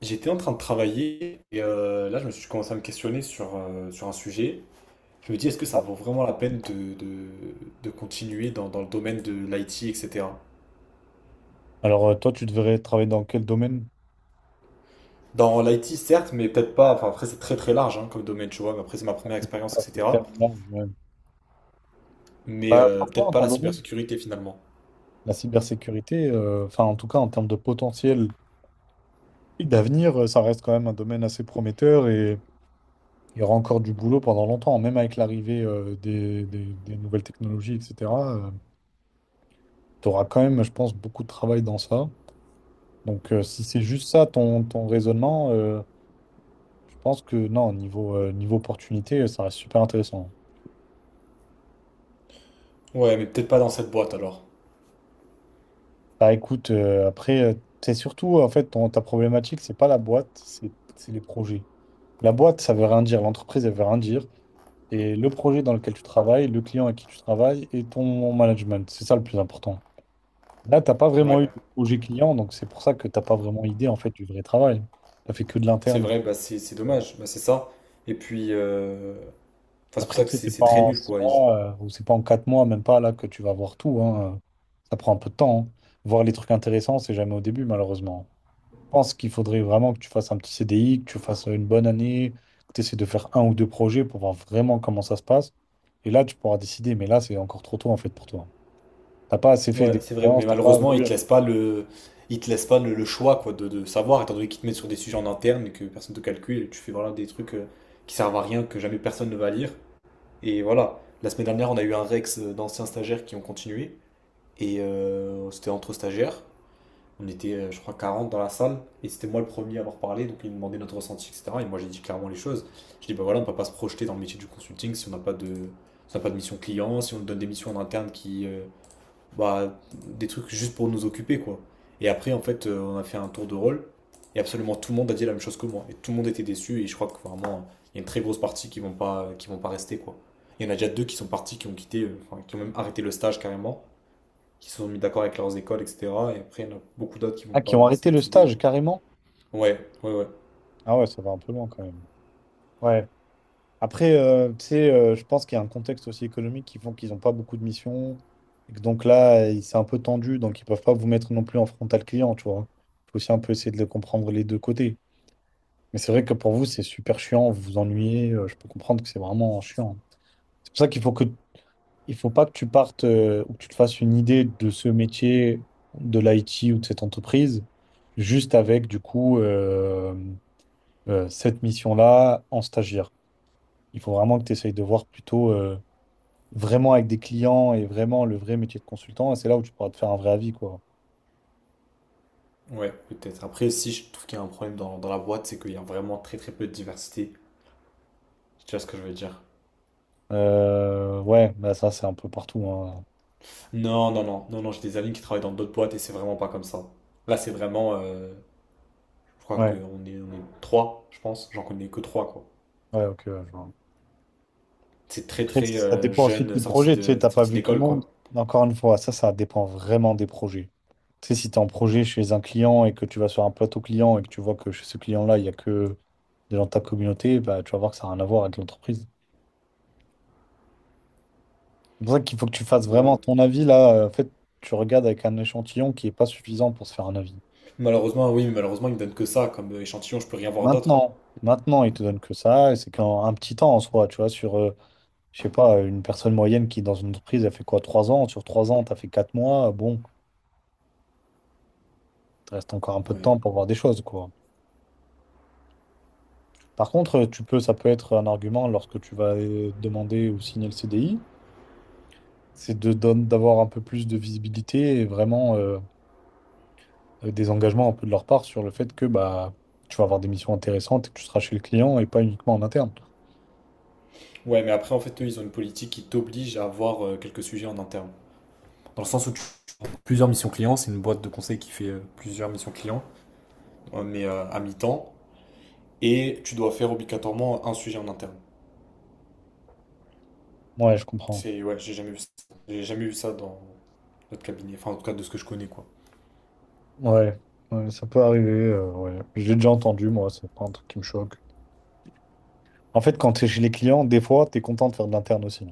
J'étais en train de travailler et là je me suis commencé à me questionner sur un sujet. Je me dis est-ce que ça vaut vraiment la peine de continuer dans le domaine de l'IT, etc. Alors, toi, tu devrais travailler dans quel domaine? Dans l'IT certes, mais peut-être pas, enfin après c'est très très large hein, comme domaine, tu vois, mais après c'est ma Ah, première expérience, c'est etc. tellement large, ouais. Mais Bah, peut-être franchement, pas ton la domaine, cybersécurité finalement. la cybersécurité, enfin, en tout cas, en termes de potentiel et d'avenir, ça reste quand même un domaine assez prometteur. Et il y aura encore du boulot pendant longtemps, même avec l'arrivée des nouvelles technologies, etc. Tu auras quand même, je pense, beaucoup de travail dans ça. Donc, si c'est juste ça ton raisonnement, je pense que non, niveau opportunité, ça reste super intéressant. Ouais, mais peut-être pas dans cette boîte alors. Bah écoute, après, c'est surtout, en fait, ta problématique, c'est pas la boîte, c'est les projets. La boîte, ça veut rien dire, l'entreprise, elle veut rien dire. Et le projet dans lequel tu travailles, le client avec qui tu travailles et ton management, c'est ça le plus important. Là, t'as pas vraiment Ouais, eu de projet client, donc c'est pour ça que t'as pas vraiment idée en fait du vrai travail. T'as fait que de c'est l'interne. Vrai, bah, c'est que- dommage, bah, c'est ça. Et puis, enfin, c'est pour Après, ça tu que sais, c'est c'est c'est pas très en nul six quoi. mois ou c'est pas en 4 mois, même pas là que tu vas voir tout, hein. Ça prend un peu de temps, hein. Voir les trucs intéressants, c'est jamais au début, malheureusement. Je pense qu'il faudrait vraiment que tu fasses un petit CDI, que tu fasses une bonne année, que tu essaies de faire un ou deux projets pour voir vraiment comment ça se passe. Et là, tu pourras décider. Mais là, c'est encore trop tôt en fait pour toi. T'as pas assez fait Ouais, c'est vrai, mais d'expérience, t'as pas malheureusement, vu. Ils te laissent pas le choix quoi, de savoir, étant donné qu'ils te mettent sur des sujets en interne et que personne te calcule, et tu fais voilà, des trucs qui servent à rien, que jamais personne ne va lire. Et voilà, la semaine dernière, on a eu un Rex d'anciens stagiaires qui ont continué, et c'était entre stagiaires. On était, je crois, 40 dans la salle, et c'était moi le premier à avoir parlé, donc ils me demandaient notre ressenti, etc. Et moi, j'ai dit clairement les choses. Je dis, bah voilà, on peut pas se projeter dans le métier du consulting si on n'a pas de mission client, si on donne des missions en interne qui. Bah, des trucs juste pour nous occuper, quoi. Et après, en fait, on a fait un tour de rôle, et absolument tout le monde a dit la même chose que moi. Et tout le monde était déçu, et je crois que vraiment, il y a une très grosse partie qui vont pas rester, quoi. Il y en a déjà deux qui sont partis, qui ont quitté, enfin, qui ont même arrêté le stage carrément, qui se sont mis d'accord avec leurs écoles, etc. Et après, il y en a beaucoup d'autres qui vont Ah, qui ont pas arrêté signer de le CDI, stage quoi. carrément? Ouais, ouais, ouais. Ah ouais, ça va un peu loin quand même. Ouais. Après, tu sais, je pense qu'il y a un contexte aussi économique qui font qu'ils n'ont pas beaucoup de missions. Et que donc là, c'est un peu tendu, donc ils peuvent pas vous mettre non plus en frontal client, tu vois. Il faut aussi un peu essayer de le comprendre les deux côtés. Mais c'est vrai que pour vous, c'est super chiant, vous vous ennuyez, je peux comprendre que c'est vraiment chiant. C'est pour ça qu'il faut pas que tu partes ou que tu te fasses une idée de ce métier, de l'IT ou de cette entreprise, juste avec du coup, cette mission-là en stagiaire. Il faut vraiment que tu essayes de voir plutôt, vraiment avec des clients et vraiment le vrai métier de consultant. Et c'est là où tu pourras te faire un vrai avis, quoi. Ouais, peut-être. Après, si je trouve qu'il y a un problème dans la boîte, c'est qu'il y a vraiment très très peu de diversité. Tu vois ce que je veux dire? Ouais, bah ça, c'est un peu partout, hein. Non, non, non, non, non, j'ai des amis qui travaillent dans d'autres boîtes et c'est vraiment pas comme ça. Là, c'est vraiment, je crois qu'on Ouais, est, on est trois, je pense, j'en connais que trois, quoi. ouais, ok. Ouais, je vois. C'est très, Après, très ça dépend aussi de jeune, tes projets. Tu sais, t'as pas sorti vu tout le d'école, monde. quoi. Encore une fois, ça dépend vraiment des projets. Tu sais, si tu es en projet chez un client et que tu vas sur un plateau client et que tu vois que chez ce client-là, il n'y a que des gens de ta communauté, bah, tu vas voir que ça n'a rien à voir avec l'entreprise. C'est pour ça qu'il faut que tu fasses Ouais. vraiment ton avis là. En fait, tu regardes avec un échantillon qui n'est pas suffisant pour se faire un avis. Malheureusement, oui, mais malheureusement, ils me donnent que ça comme échantillon, je peux rien voir d'autre. Maintenant, maintenant, il te donne que ça, et c'est qu'un petit temps en soi, tu vois, sur, je sais pas, une personne moyenne qui, dans une entreprise, elle fait quoi, 3 ans? Sur trois ans, t'as fait 4 mois, bon, il te reste encore un peu de Ouais. temps pour voir des choses, quoi. Par contre, tu peux, ça peut être un argument lorsque tu vas demander ou signer le CDI, c'est de d'avoir un peu plus de visibilité et vraiment, des engagements un peu de leur part sur le fait que bah, tu vas avoir des missions intéressantes et que tu seras chez le client et pas uniquement en interne. Ouais, mais après, en fait, eux, ils ont une politique qui t'oblige à avoir quelques sujets en interne. Dans le sens où tu fais plusieurs missions clients, c'est une boîte de conseil qui fait plusieurs missions clients, mais à mi-temps, et tu dois faire obligatoirement un sujet en interne. Ouais, je comprends. C'est ouais, j'ai jamais vu ça. J'ai jamais vu ça dans notre cabinet. Enfin, en tout cas, de ce que je connais, quoi. Ouais, ouais, ça peut arriver, ouais. J'ai déjà entendu, moi, c'est pas un truc qui me choque. En fait, quand tu es chez les clients, des fois, tu es content de faire de l'interne aussi.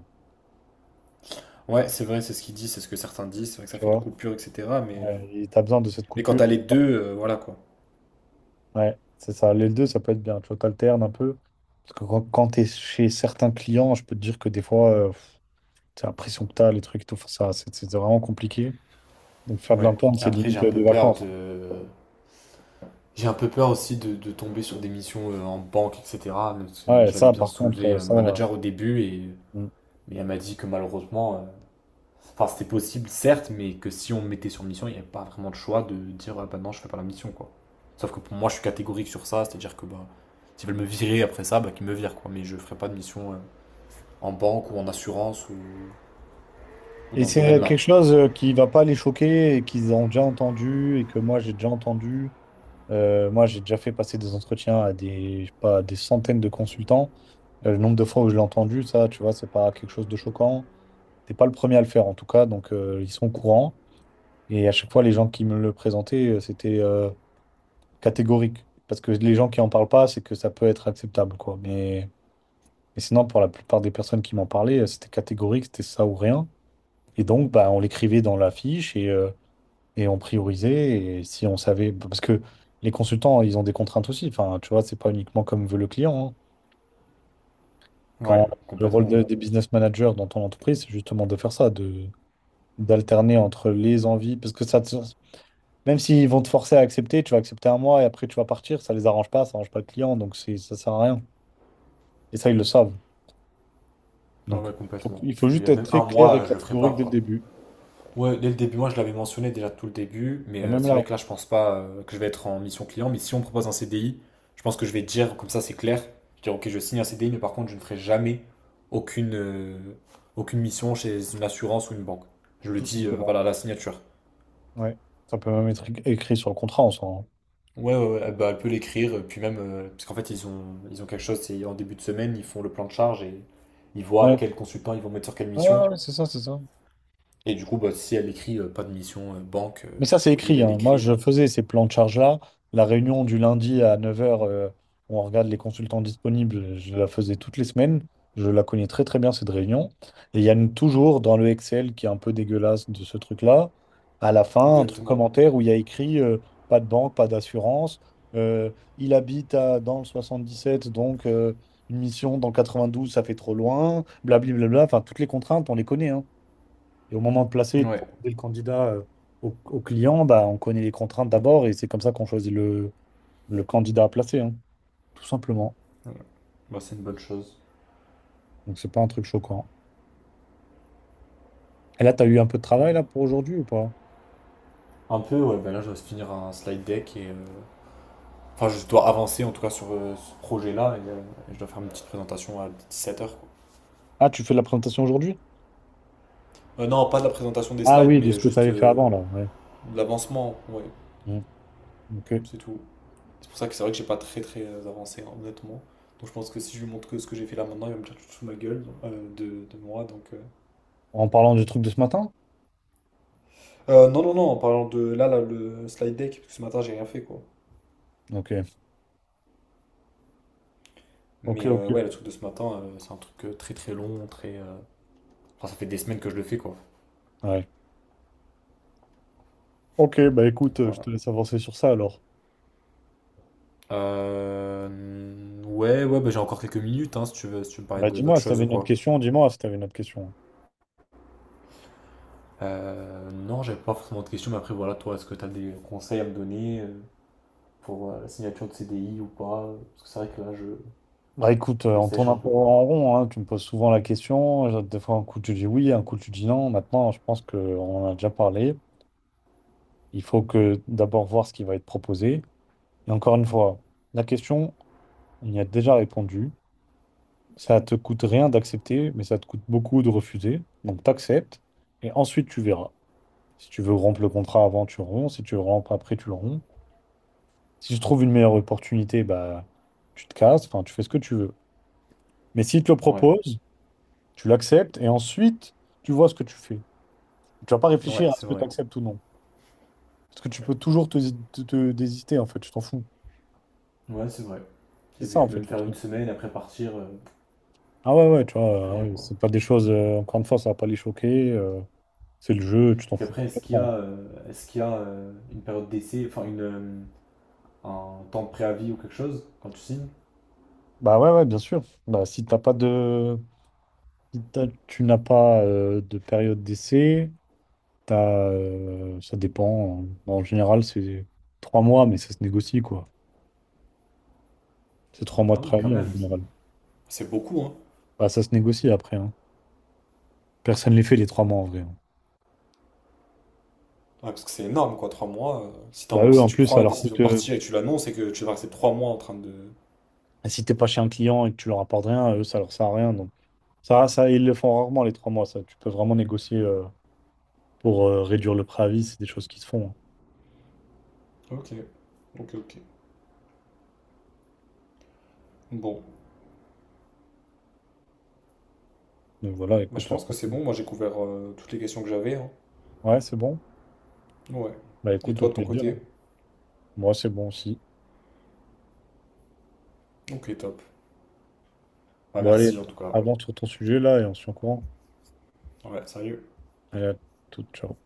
Ouais, c'est vrai, c'est ce qu'il dit, c'est ce que certains disent. C'est vrai que ça Tu fait une vois? coupure, etc. Mais, euh, Ouais, et t'as besoin de cette mais quand coupure. t'as les deux, voilà, quoi. Ouais, c'est ça. Les deux, ça peut être bien. Tu vois, t'alternes un peu. Parce que quand t'es chez certains clients, je peux te dire que des fois, pff, t'as l'impression que t'as les trucs et tout. Enfin, ça, c'est vraiment compliqué. Donc, faire de Ouais. l'interne, Et c'est après, j'ai limite, un peu des peur vacances. de. J'ai un peu peur aussi de tomber sur des missions en banque, etc. Parce que Ouais, je l'avais ça, bien par contre, soulevé, le ça. Manager, au début, et, Mm. mais elle m'a dit que malheureusement, enfin, c'était possible, certes, mais que si on me mettait sur mission, il n'y avait pas vraiment de choix de dire, ah bah non, je fais pas la mission, quoi. Sauf que pour moi, je suis catégorique sur ça, c'est-à-dire que bah, s'ils veulent me virer après ça, bah, qu'ils me virent, quoi. Mais je ferai pas de mission en banque ou en assurance ou Et dans ce c'est domaine-là. quelque chose, qui va pas les choquer et qu'ils ont déjà entendu et que moi, j'ai déjà entendu. Moi, j'ai déjà fait passer des entretiens à des, je sais pas, à des centaines de consultants. Le nombre de fois où je l'ai entendu, ça, tu vois, c'est pas quelque chose de choquant. T'es pas le premier à le faire en tout cas, donc, ils sont au courant. Et à chaque fois, les gens qui me le présentaient, c'était, catégorique. Parce que les gens qui en parlent pas, c'est que ça peut être acceptable, quoi. Mais sinon, pour la plupart des personnes qui m'en parlaient, c'était catégorique, c'était ça ou rien. Et donc, bah, on l'écrivait dans la fiche et on priorisait. Et si on savait, parce que les consultants, ils ont des contraintes aussi. Enfin, tu vois, c'est pas uniquement comme veut le client, hein. Ouais, Quand le rôle complètement. Des business managers dans ton entreprise, c'est justement de faire ça, de d'alterner entre les envies, parce que ça. Même s'ils vont te forcer à accepter, tu vas accepter 1 mois et après tu vas partir, ça les arrange pas, ça arrange pas le client, donc ça sert à rien. Et ça, ils le savent. Ouais, Donc, ouais, complètement. il faut Puis juste être même très un clair mois, et je le ferai pas, catégorique dès le quoi. début. Ouais, dès le début, moi je l'avais mentionné déjà tout le début, mais Et même c'est là, vrai que là je pense pas que je vais être en mission client, mais si on me propose un CDI, je pense que je vais dire, comme ça c'est clair, je vais dire ok je signe un CDI, mais par contre je ne ferai jamais aucune, euh, aucune mission chez une assurance ou une banque. Je le tout dis, voilà, à simplement. la signature. Ouais. Ça peut même être écrit sur le contrat en soi, hein. Ouais, ouais, ouais, bah, elle peut l'écrire, puis même, parce qu'en fait ils ont quelque chose, c'est en début de semaine, ils font le plan de charge et ils voient Ouais. quel consultant ils vont mettre sur quelle Ouais, mission. ouais, ouais, c'est ça, c'est ça. Et du coup, bah, si elle écrit pas de mission banque, Mais ça, c'est ou écrit, elle hein. Moi, écrit, je bah, faisais ces plans de charge-là. La réunion du lundi à 9 heures, où on regarde les consultants disponibles, je la faisais toutes les semaines. Je la connais très, très bien, cette réunion. Et il y a toujours dans le Excel qui est un peu dégueulasse de ce truc-là, à la fin, un truc exactement. commentaire où il y a écrit, pas de banque, pas d'assurance. Euh, il habite dans le 77, donc, une mission dans 92, ça fait trop loin. Blablabla. Enfin, toutes les contraintes, on les connaît, hein. Et au moment de placer et de Ouais. proposer le candidat, au client, bah, on connaît les contraintes d'abord et c'est comme ça qu'on choisit le candidat à placer, hein, tout simplement. Voilà. Bah, c'est une bonne chose. Donc c'est pas un truc choquant. Et là, tu as eu un peu de travail Mhm. là pour aujourd'hui ou pas? Un peu, ouais, bah là, je dois finir un slide deck enfin, je dois avancer en tout cas sur ce projet-là et je dois faire une petite présentation à 17h. Ah, tu fais la présentation aujourd'hui? Non, pas de la présentation des Ah slides, oui, de ce mais que tu juste avais fait avant là, ouais. de l'avancement, ouais, Mm, ok. c'est tout. C'est pour ça que c'est vrai que j'ai pas très très avancé, hein, honnêtement. Donc je pense que si je lui montre que ce que j'ai fait là maintenant, il va me tirer tout sous ma gueule de moi. Donc. En parlant du truc de ce matin? Non, non, non, en parlant de là, le slide deck, parce que ce matin j'ai rien fait quoi. Ok, ok, Mais ouais, le ok. truc de ce matin, c'est un truc très très long, très. Enfin, ça fait des semaines que je le fais, quoi. Ouais. Ok, bah Donc écoute, je voilà. te laisse avancer sur ça alors. Ouais, ouais, bah, j'ai encore quelques minutes, hein, si tu veux me parler Bah d'autres dis-moi si choses t'avais ou une autre quoi. question, dis-moi si t'avais une autre question. Non, j'avais pas forcément de questions, mais après, voilà, toi, est-ce que t'as des conseils à me donner pour la signature de CDI ou pas? Parce que c'est vrai que là, Bah écoute, je on tourne sèche un un peu, peu quoi. en rond, hein. Tu me poses souvent la question. Des fois, un coup, tu dis oui, un coup, tu dis non. Maintenant, je pense qu'on en a déjà parlé. Il faut que d'abord voir ce qui va être proposé. Et encore une fois, la question, on y a déjà répondu. Ça te coûte rien d'accepter, mais ça te coûte beaucoup de refuser. Donc, t'acceptes et ensuite, tu verras. Si tu veux rompre le contrat avant, tu romps. Si tu le rompes après, tu le romps. Si tu trouves une meilleure opportunité, bah, tu te casses. Enfin, tu fais ce que tu veux. Mais s'il te le Ouais, propose, tu l'acceptes et ensuite, tu vois ce que tu fais. Tu vas pas ouais, réfléchir à ce c'est que tu vrai. acceptes ou non. Parce que tu peux toujours te désister, en fait. Tu t'en fous. Ouais, c'est vrai. C'est Et puis, ça, je en peux fait, même le faire une truc. semaine, après partir, Ah ouais, ouais, tu ça vois, fait rien, ouais, quoi. c'est pas des choses, encore une fois, ça va pas les choquer, c'est le jeu, tu t'en Puis fous après, complètement. Est-ce qu'il y a une période d'essai, enfin, un temps de préavis ou quelque chose quand tu signes? Bah ouais, ouais, bien sûr. Bah, si t'as pas de. Si t'as- tu n'as pas de période d'essai, t'as, ça dépend. En général, c'est 3 mois, mais ça se négocie, quoi. C'est trois mois de Ah oui, quand préavis en même, général. c'est beaucoup, hein. Bah, ça se négocie après, hein. Personne ne les fait les 3 mois en vrai. Ouais, parce que c'est énorme, quoi, 3 mois. Si t'as Bah envie- eux, Si en tu plus, prends ça la leur décision coûte, de partir et que tu l'annonces et que tu vas rester 3 mois en train de. si t'es pas chez un client et que tu leur apportes rien, eux, ça leur sert à rien. Donc ça, ils le font rarement les 3 mois. Ça, tu peux vraiment négocier, pour, réduire le préavis. C'est des choses qui se font, hein. Ok, ok, ok. Bon, Donc voilà, bah, je écoute, pense que c'est bon. Moi, j'ai couvert toutes les questions que j'avais. Hein. ouais, c'est bon. Ouais. Bah Et écoute, au toi, de ton plaisir. côté? Moi, c'est bon aussi. Ok, top. Bah, Bon, allez, merci en tout cas. avance sur ton sujet là et on se tient au courant. Ouais, sérieux. Allez, à toute, ciao.